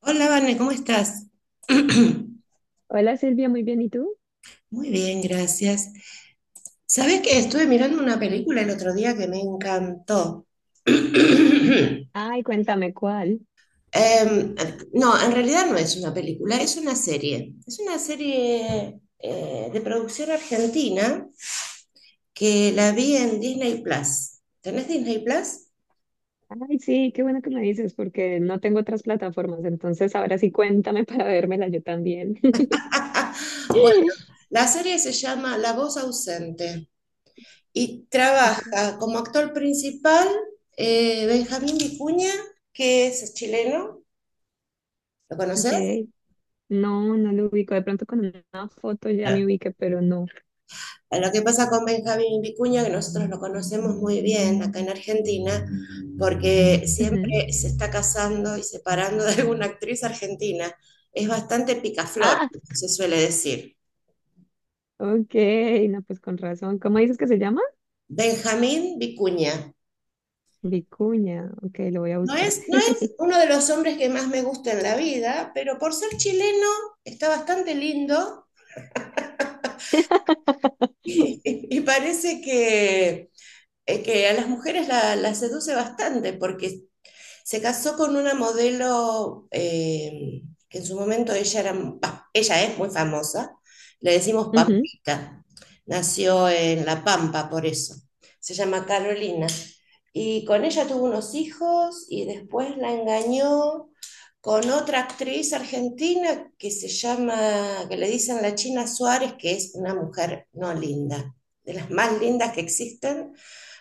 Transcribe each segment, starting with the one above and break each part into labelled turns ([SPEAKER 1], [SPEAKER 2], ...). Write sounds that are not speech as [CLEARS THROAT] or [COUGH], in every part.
[SPEAKER 1] Hola, Vane, ¿cómo estás? [CLEARS THROAT]
[SPEAKER 2] Hola Silvia, muy bien, ¿y tú?
[SPEAKER 1] Muy bien, gracias. ¿Sabes que estuve mirando una película el otro día que me encantó? [CLEARS THROAT]
[SPEAKER 2] Ay, cuéntame cuál.
[SPEAKER 1] Em, no, en realidad no es una película, es una serie. Es una serie de producción argentina que la vi en Disney Plus. ¿Tenés Disney Plus?
[SPEAKER 2] Ay, sí, qué bueno que me dices, porque no tengo otras plataformas, entonces ahora sí cuéntame [LAUGHS] para vérmela yo también.
[SPEAKER 1] [LAUGHS] Bueno,
[SPEAKER 2] [LAUGHS]
[SPEAKER 1] la serie se llama La voz ausente. Y
[SPEAKER 2] Ok,
[SPEAKER 1] trabaja como actor principal Benjamín Vicuña, que es chileno, ¿lo conoces?
[SPEAKER 2] ok. No, no lo ubico. De pronto con una foto ya me
[SPEAKER 1] Eh,
[SPEAKER 2] ubiqué, pero no.
[SPEAKER 1] Lo que pasa con Benjamín Vicuña, que nosotros lo conocemos muy bien acá en Argentina, porque
[SPEAKER 2] Ujú.
[SPEAKER 1] siempre se está casando y separando de alguna actriz argentina. Es bastante picaflor,
[SPEAKER 2] Ah,
[SPEAKER 1] se suele decir.
[SPEAKER 2] ok, no, pues con razón. ¿Cómo dices que se llama?
[SPEAKER 1] Benjamín Vicuña.
[SPEAKER 2] Vicuña. Ok, lo voy a
[SPEAKER 1] No
[SPEAKER 2] buscar.
[SPEAKER 1] es, no es
[SPEAKER 2] [LAUGHS]
[SPEAKER 1] uno de los hombres que más me gusta en la vida, pero por ser chileno está bastante lindo. [LAUGHS] Y parece que a las mujeres la seduce bastante porque se casó con una modelo, que en su momento ella, era, bah, ella es muy famosa, le decimos
[SPEAKER 2] Ujú.
[SPEAKER 1] Pampita. Nació en La Pampa, por eso. Se llama Carolina. Y con ella tuvo unos hijos y después la engañó con otra actriz argentina que se llama, que le dicen la China Suárez, que es una mujer no linda, de las más lindas que existen.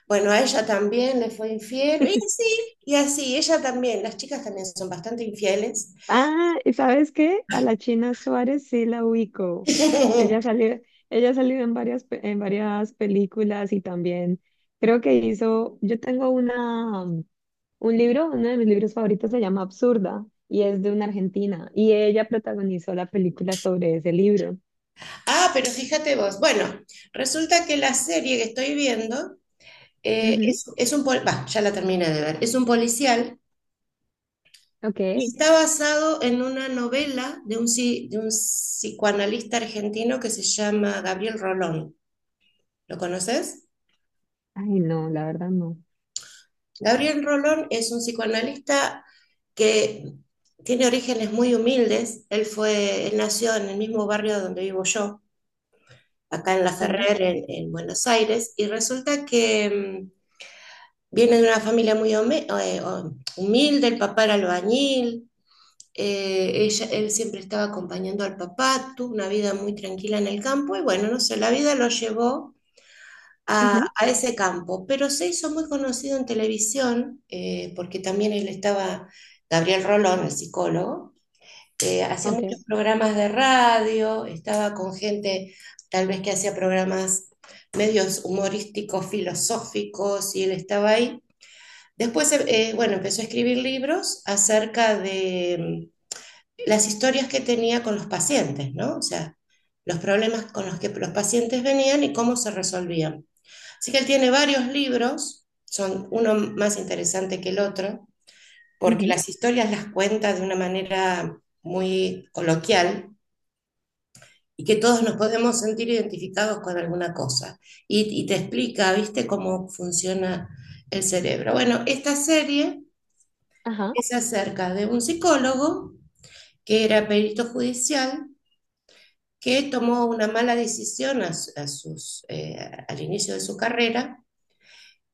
[SPEAKER 1] Bueno, a ella también le fue infiel. Y así, ella también, las chicas también son bastante infieles.
[SPEAKER 2] Ah, ¿y sabes qué? A la China Suárez sí la ubico.
[SPEAKER 1] [LAUGHS]
[SPEAKER 2] Ella salió, ella ha salido en varias, en varias películas y también creo que hizo, un libro, uno de mis libros favoritos se llama Absurda y es de una argentina y ella protagonizó la película sobre ese libro.
[SPEAKER 1] Ah, pero fíjate vos. Bueno, resulta que la serie que estoy viendo,
[SPEAKER 2] Ujú,
[SPEAKER 1] es, bah, ya la terminé de ver, es un policial y
[SPEAKER 2] ok.
[SPEAKER 1] está basado en una novela de de un psicoanalista argentino que se llama Gabriel Rolón. ¿Lo conoces?
[SPEAKER 2] Ay, no, la verdad no.
[SPEAKER 1] Gabriel Rolón es un psicoanalista que tiene orígenes muy humildes. Él fue, él nació en el mismo barrio donde vivo yo, acá en La
[SPEAKER 2] Mira.
[SPEAKER 1] Ferrer, en Buenos Aires, y resulta que viene de una familia muy humilde. El papá era albañil. Él siempre estaba acompañando al papá, tuvo una vida muy tranquila en el campo, y bueno, no sé, la vida lo llevó
[SPEAKER 2] Ujú,
[SPEAKER 1] a ese campo, pero se hizo muy conocido en televisión, porque también él estaba, Gabriel Rolón, el psicólogo, hacía muchos
[SPEAKER 2] ok.
[SPEAKER 1] programas de radio, estaba con gente tal vez que hacía programas medios humorísticos, filosóficos, y él estaba ahí. Después, bueno, empezó a escribir libros acerca de, las historias que tenía con los pacientes, ¿no? O sea, los problemas con los que los pacientes venían y cómo se resolvían. Así que él tiene varios libros, son uno más interesante que el otro, porque
[SPEAKER 2] Ujú.
[SPEAKER 1] las historias las cuenta de una manera muy coloquial, y que todos nos podemos sentir identificados con alguna cosa. Y te explica, ¿viste?, cómo funciona el cerebro. Bueno, esta serie
[SPEAKER 2] Ajá.
[SPEAKER 1] es acerca de un psicólogo que era perito judicial, que tomó una mala decisión a sus, eh, al inicio de su carrera,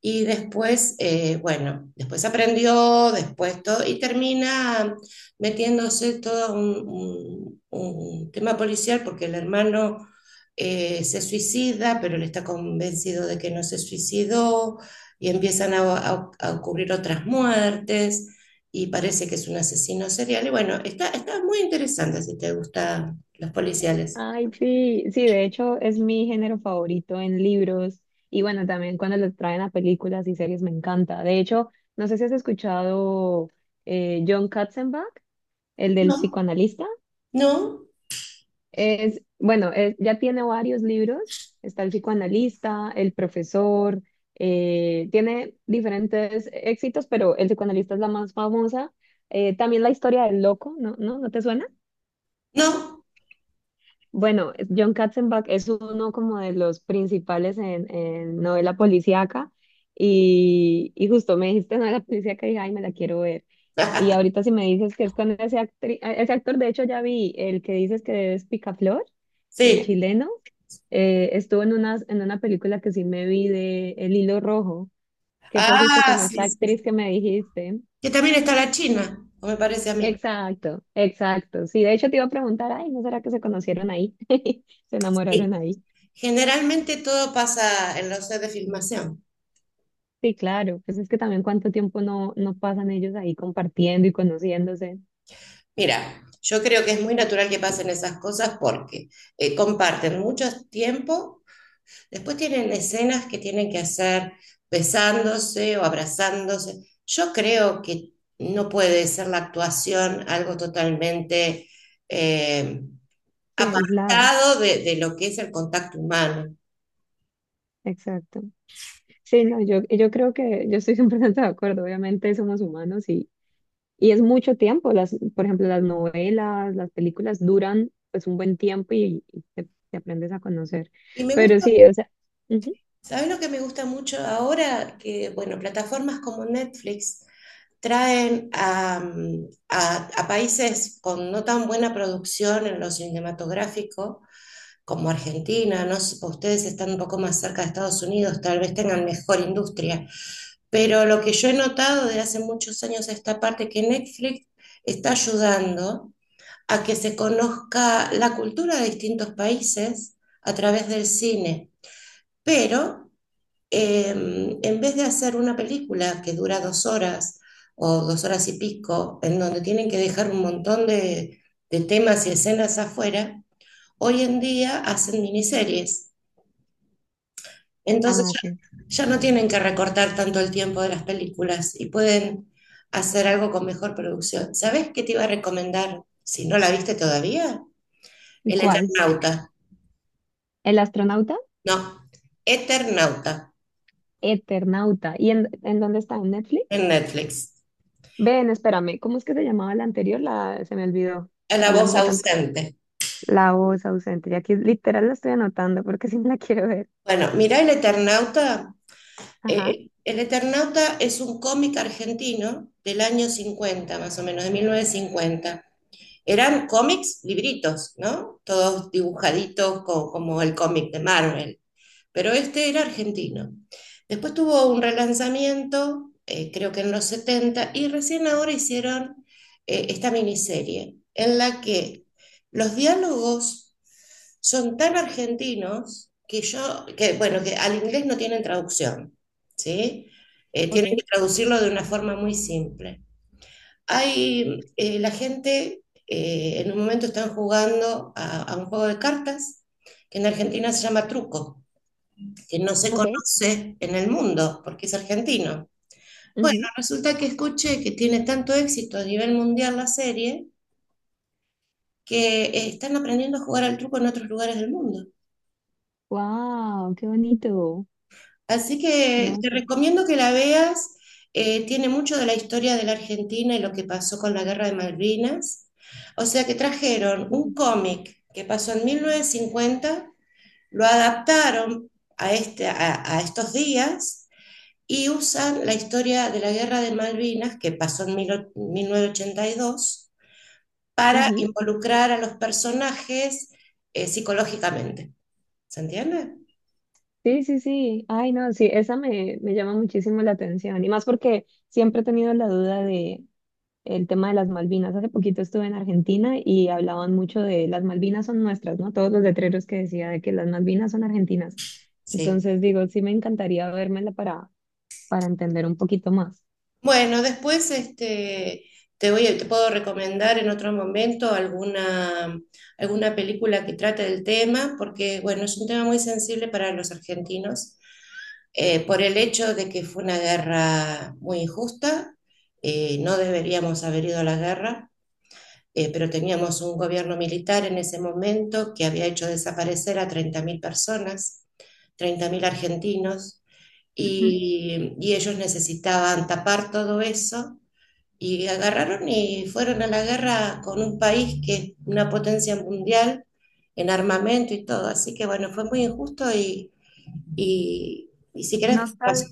[SPEAKER 1] y después, bueno, después aprendió, después todo, y termina metiéndose todo un tema policial porque el hermano, se suicida, pero él está convencido de que no se suicidó, y empiezan a ocurrir otras muertes, y parece que es un asesino serial. Y bueno, está, está muy interesante si te gustan los policiales.
[SPEAKER 2] Ay, sí, sí, de hecho es mi género favorito en libros y bueno, también cuando lo traen a películas y series me encanta. De hecho, no sé si has escuchado John Katzenbach, el del
[SPEAKER 1] No,
[SPEAKER 2] psicoanalista.
[SPEAKER 1] no,
[SPEAKER 2] Es, bueno, ya tiene varios libros. Está el psicoanalista, el profesor, tiene diferentes éxitos, pero el psicoanalista es la más famosa. También la historia del loco, ¿no? ¿No? ¿No te suena?
[SPEAKER 1] no.
[SPEAKER 2] Bueno, John Katzenbach es uno como de los principales en novela policíaca y justo me dijiste novela policíaca y dije, ay, me la quiero ver. Y
[SPEAKER 1] [LAUGHS]
[SPEAKER 2] ahorita si me dices que es con ese, ese actor, de hecho ya vi el que dices que es Picaflor, el
[SPEAKER 1] Sí.
[SPEAKER 2] chileno, estuvo en una película que sí me vi de El Hilo Rojo, que fue justo
[SPEAKER 1] Ah,
[SPEAKER 2] con esa
[SPEAKER 1] sí, sí,
[SPEAKER 2] actriz que me dijiste.
[SPEAKER 1] que también está la China, o me parece a mí.
[SPEAKER 2] Exacto, exacto. Sí, de hecho te iba a preguntar, ay, ¿no será que se conocieron ahí? [LAUGHS] Se enamoraron
[SPEAKER 1] Sí,
[SPEAKER 2] ahí.
[SPEAKER 1] generalmente todo pasa en los sets de filmación.
[SPEAKER 2] Sí, claro, pues es que también cuánto tiempo no, no pasan ellos ahí compartiendo y conociéndose,
[SPEAKER 1] Mira, yo creo que es muy natural que pasen esas cosas porque comparten mucho tiempo, después tienen escenas que tienen que hacer besándose o abrazándose. Yo creo que no puede ser la actuación algo totalmente eh,
[SPEAKER 2] sí, aislado,
[SPEAKER 1] apartado de lo que es el contacto humano.
[SPEAKER 2] exacto. Sí, no, yo creo que yo estoy [LAUGHS] 100% de acuerdo, obviamente somos humanos y es mucho tiempo, las, por ejemplo, las novelas, las películas duran pues un buen tiempo y te aprendes a conocer,
[SPEAKER 1] Y me
[SPEAKER 2] pero
[SPEAKER 1] gusta.
[SPEAKER 2] sí, o sea, ujú.
[SPEAKER 1] ¿Sabes lo que me gusta mucho ahora? Que, bueno, plataformas como Netflix traen a países con no tan buena producción en lo cinematográfico como Argentina, no sé, ustedes están un poco más cerca de Estados Unidos, tal vez tengan mejor industria, pero lo que yo he notado de hace muchos años a esta parte, que Netflix está ayudando a que se conozca la cultura de distintos países a través del cine, pero, en vez de hacer una película que dura dos horas o dos horas y pico, en donde tienen que dejar un montón de temas y escenas afuera, hoy en día hacen miniseries. Entonces
[SPEAKER 2] Ah, sí,
[SPEAKER 1] ya, ya no tienen que recortar tanto el tiempo de las películas y pueden hacer algo con mejor producción. ¿Sabes qué te iba a recomendar? Si no la viste todavía, El
[SPEAKER 2] ¿cuál?
[SPEAKER 1] Eternauta.
[SPEAKER 2] ¿El astronauta?
[SPEAKER 1] No, Eternauta
[SPEAKER 2] Eternauta, ¿y en dónde está? ¿En Netflix?
[SPEAKER 1] en Netflix.
[SPEAKER 2] Ven, espérame, ¿cómo es que se llamaba la anterior? La, se me olvidó.
[SPEAKER 1] A la voz
[SPEAKER 2] Hablamos de tantas.
[SPEAKER 1] ausente.
[SPEAKER 2] La voz ausente. Y aquí literal la estoy anotando porque sí me la quiero ver.
[SPEAKER 1] Bueno, mirá El Eternauta.
[SPEAKER 2] Ajá.
[SPEAKER 1] El Eternauta es un cómic argentino del año 50 más o menos, de 1950. Eran cómics, libritos, ¿no? Todos dibujaditos, como el cómic de Marvel, pero este era argentino. Después tuvo un relanzamiento, creo que en los setenta, y recién ahora hicieron esta miniserie, en la que los diálogos son tan argentinos que yo, que bueno, que al inglés no tienen traducción, ¿sí?
[SPEAKER 2] Ok,
[SPEAKER 1] Tienen que traducirlo de una forma muy simple. Hay, la gente, en un momento están jugando a un juego de cartas, que en Argentina se llama truco, que no se
[SPEAKER 2] ok.
[SPEAKER 1] conoce en el mundo, porque es argentino. Bueno,
[SPEAKER 2] Ujú.
[SPEAKER 1] resulta que escuché que tiene tanto éxito a nivel mundial la serie, que están aprendiendo a jugar al truco en otros lugares del mundo.
[SPEAKER 2] Wow, qué bonito.
[SPEAKER 1] Así
[SPEAKER 2] No,
[SPEAKER 1] que te
[SPEAKER 2] pues
[SPEAKER 1] recomiendo que la veas. Tiene mucho de la historia de la Argentina y lo que pasó con la Guerra de Malvinas. O sea que trajeron
[SPEAKER 2] sí.
[SPEAKER 1] un cómic que pasó en 1950, lo adaptaron a, este, a estos días, y usan la historia de la Guerra de Malvinas, que pasó en mil novecientos ochenta y dos, para
[SPEAKER 2] Ujú.
[SPEAKER 1] involucrar a los personajes psicológicamente. ¿Se entiende?
[SPEAKER 2] Sí, sí, sí. Ay, no, sí, esa me, me llama muchísimo la atención. Y más porque siempre he tenido la duda de el tema de las Malvinas. Hace poquito estuve en Argentina y hablaban mucho de las Malvinas son nuestras, ¿no? Todos los letreros que decía de que las Malvinas son argentinas.
[SPEAKER 1] Sí.
[SPEAKER 2] Entonces digo, sí me encantaría vérmela para entender un poquito más.
[SPEAKER 1] Bueno, después este, te puedo recomendar en otro momento alguna, alguna película que trate del tema, porque bueno, es un tema muy sensible para los argentinos, por el hecho de que fue una guerra muy injusta, no deberíamos haber ido a la guerra, pero teníamos un gobierno militar en ese momento que había hecho desaparecer a 30.000 personas, 30.000 argentinos, y ellos necesitaban tapar todo eso y agarraron y fueron a la guerra con un país que es una potencia mundial en armamento y todo. Así que bueno, fue muy injusto y si querés,
[SPEAKER 2] No sabía,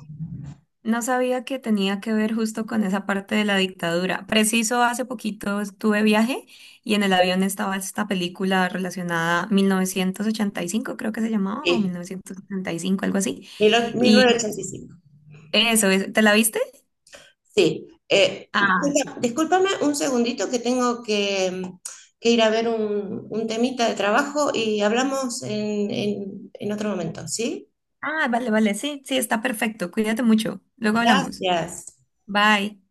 [SPEAKER 2] no sabía que tenía que ver justo con esa parte de la dictadura. Preciso, hace poquito estuve viaje y en el avión estaba esta película relacionada 1985, creo que se llamaba, o
[SPEAKER 1] sí,
[SPEAKER 2] 1975, algo así. Y
[SPEAKER 1] 1985.
[SPEAKER 2] eso, es- ¿te la viste?
[SPEAKER 1] Sí,
[SPEAKER 2] Ah,
[SPEAKER 1] discúlpame un segundito que tengo que ir a ver un temita de trabajo, y hablamos en otro momento, ¿sí?
[SPEAKER 2] ah, vale, vale, sí, sí, está perfecto. Cuídate mucho. Luego hablamos.
[SPEAKER 1] Gracias.
[SPEAKER 2] Bye.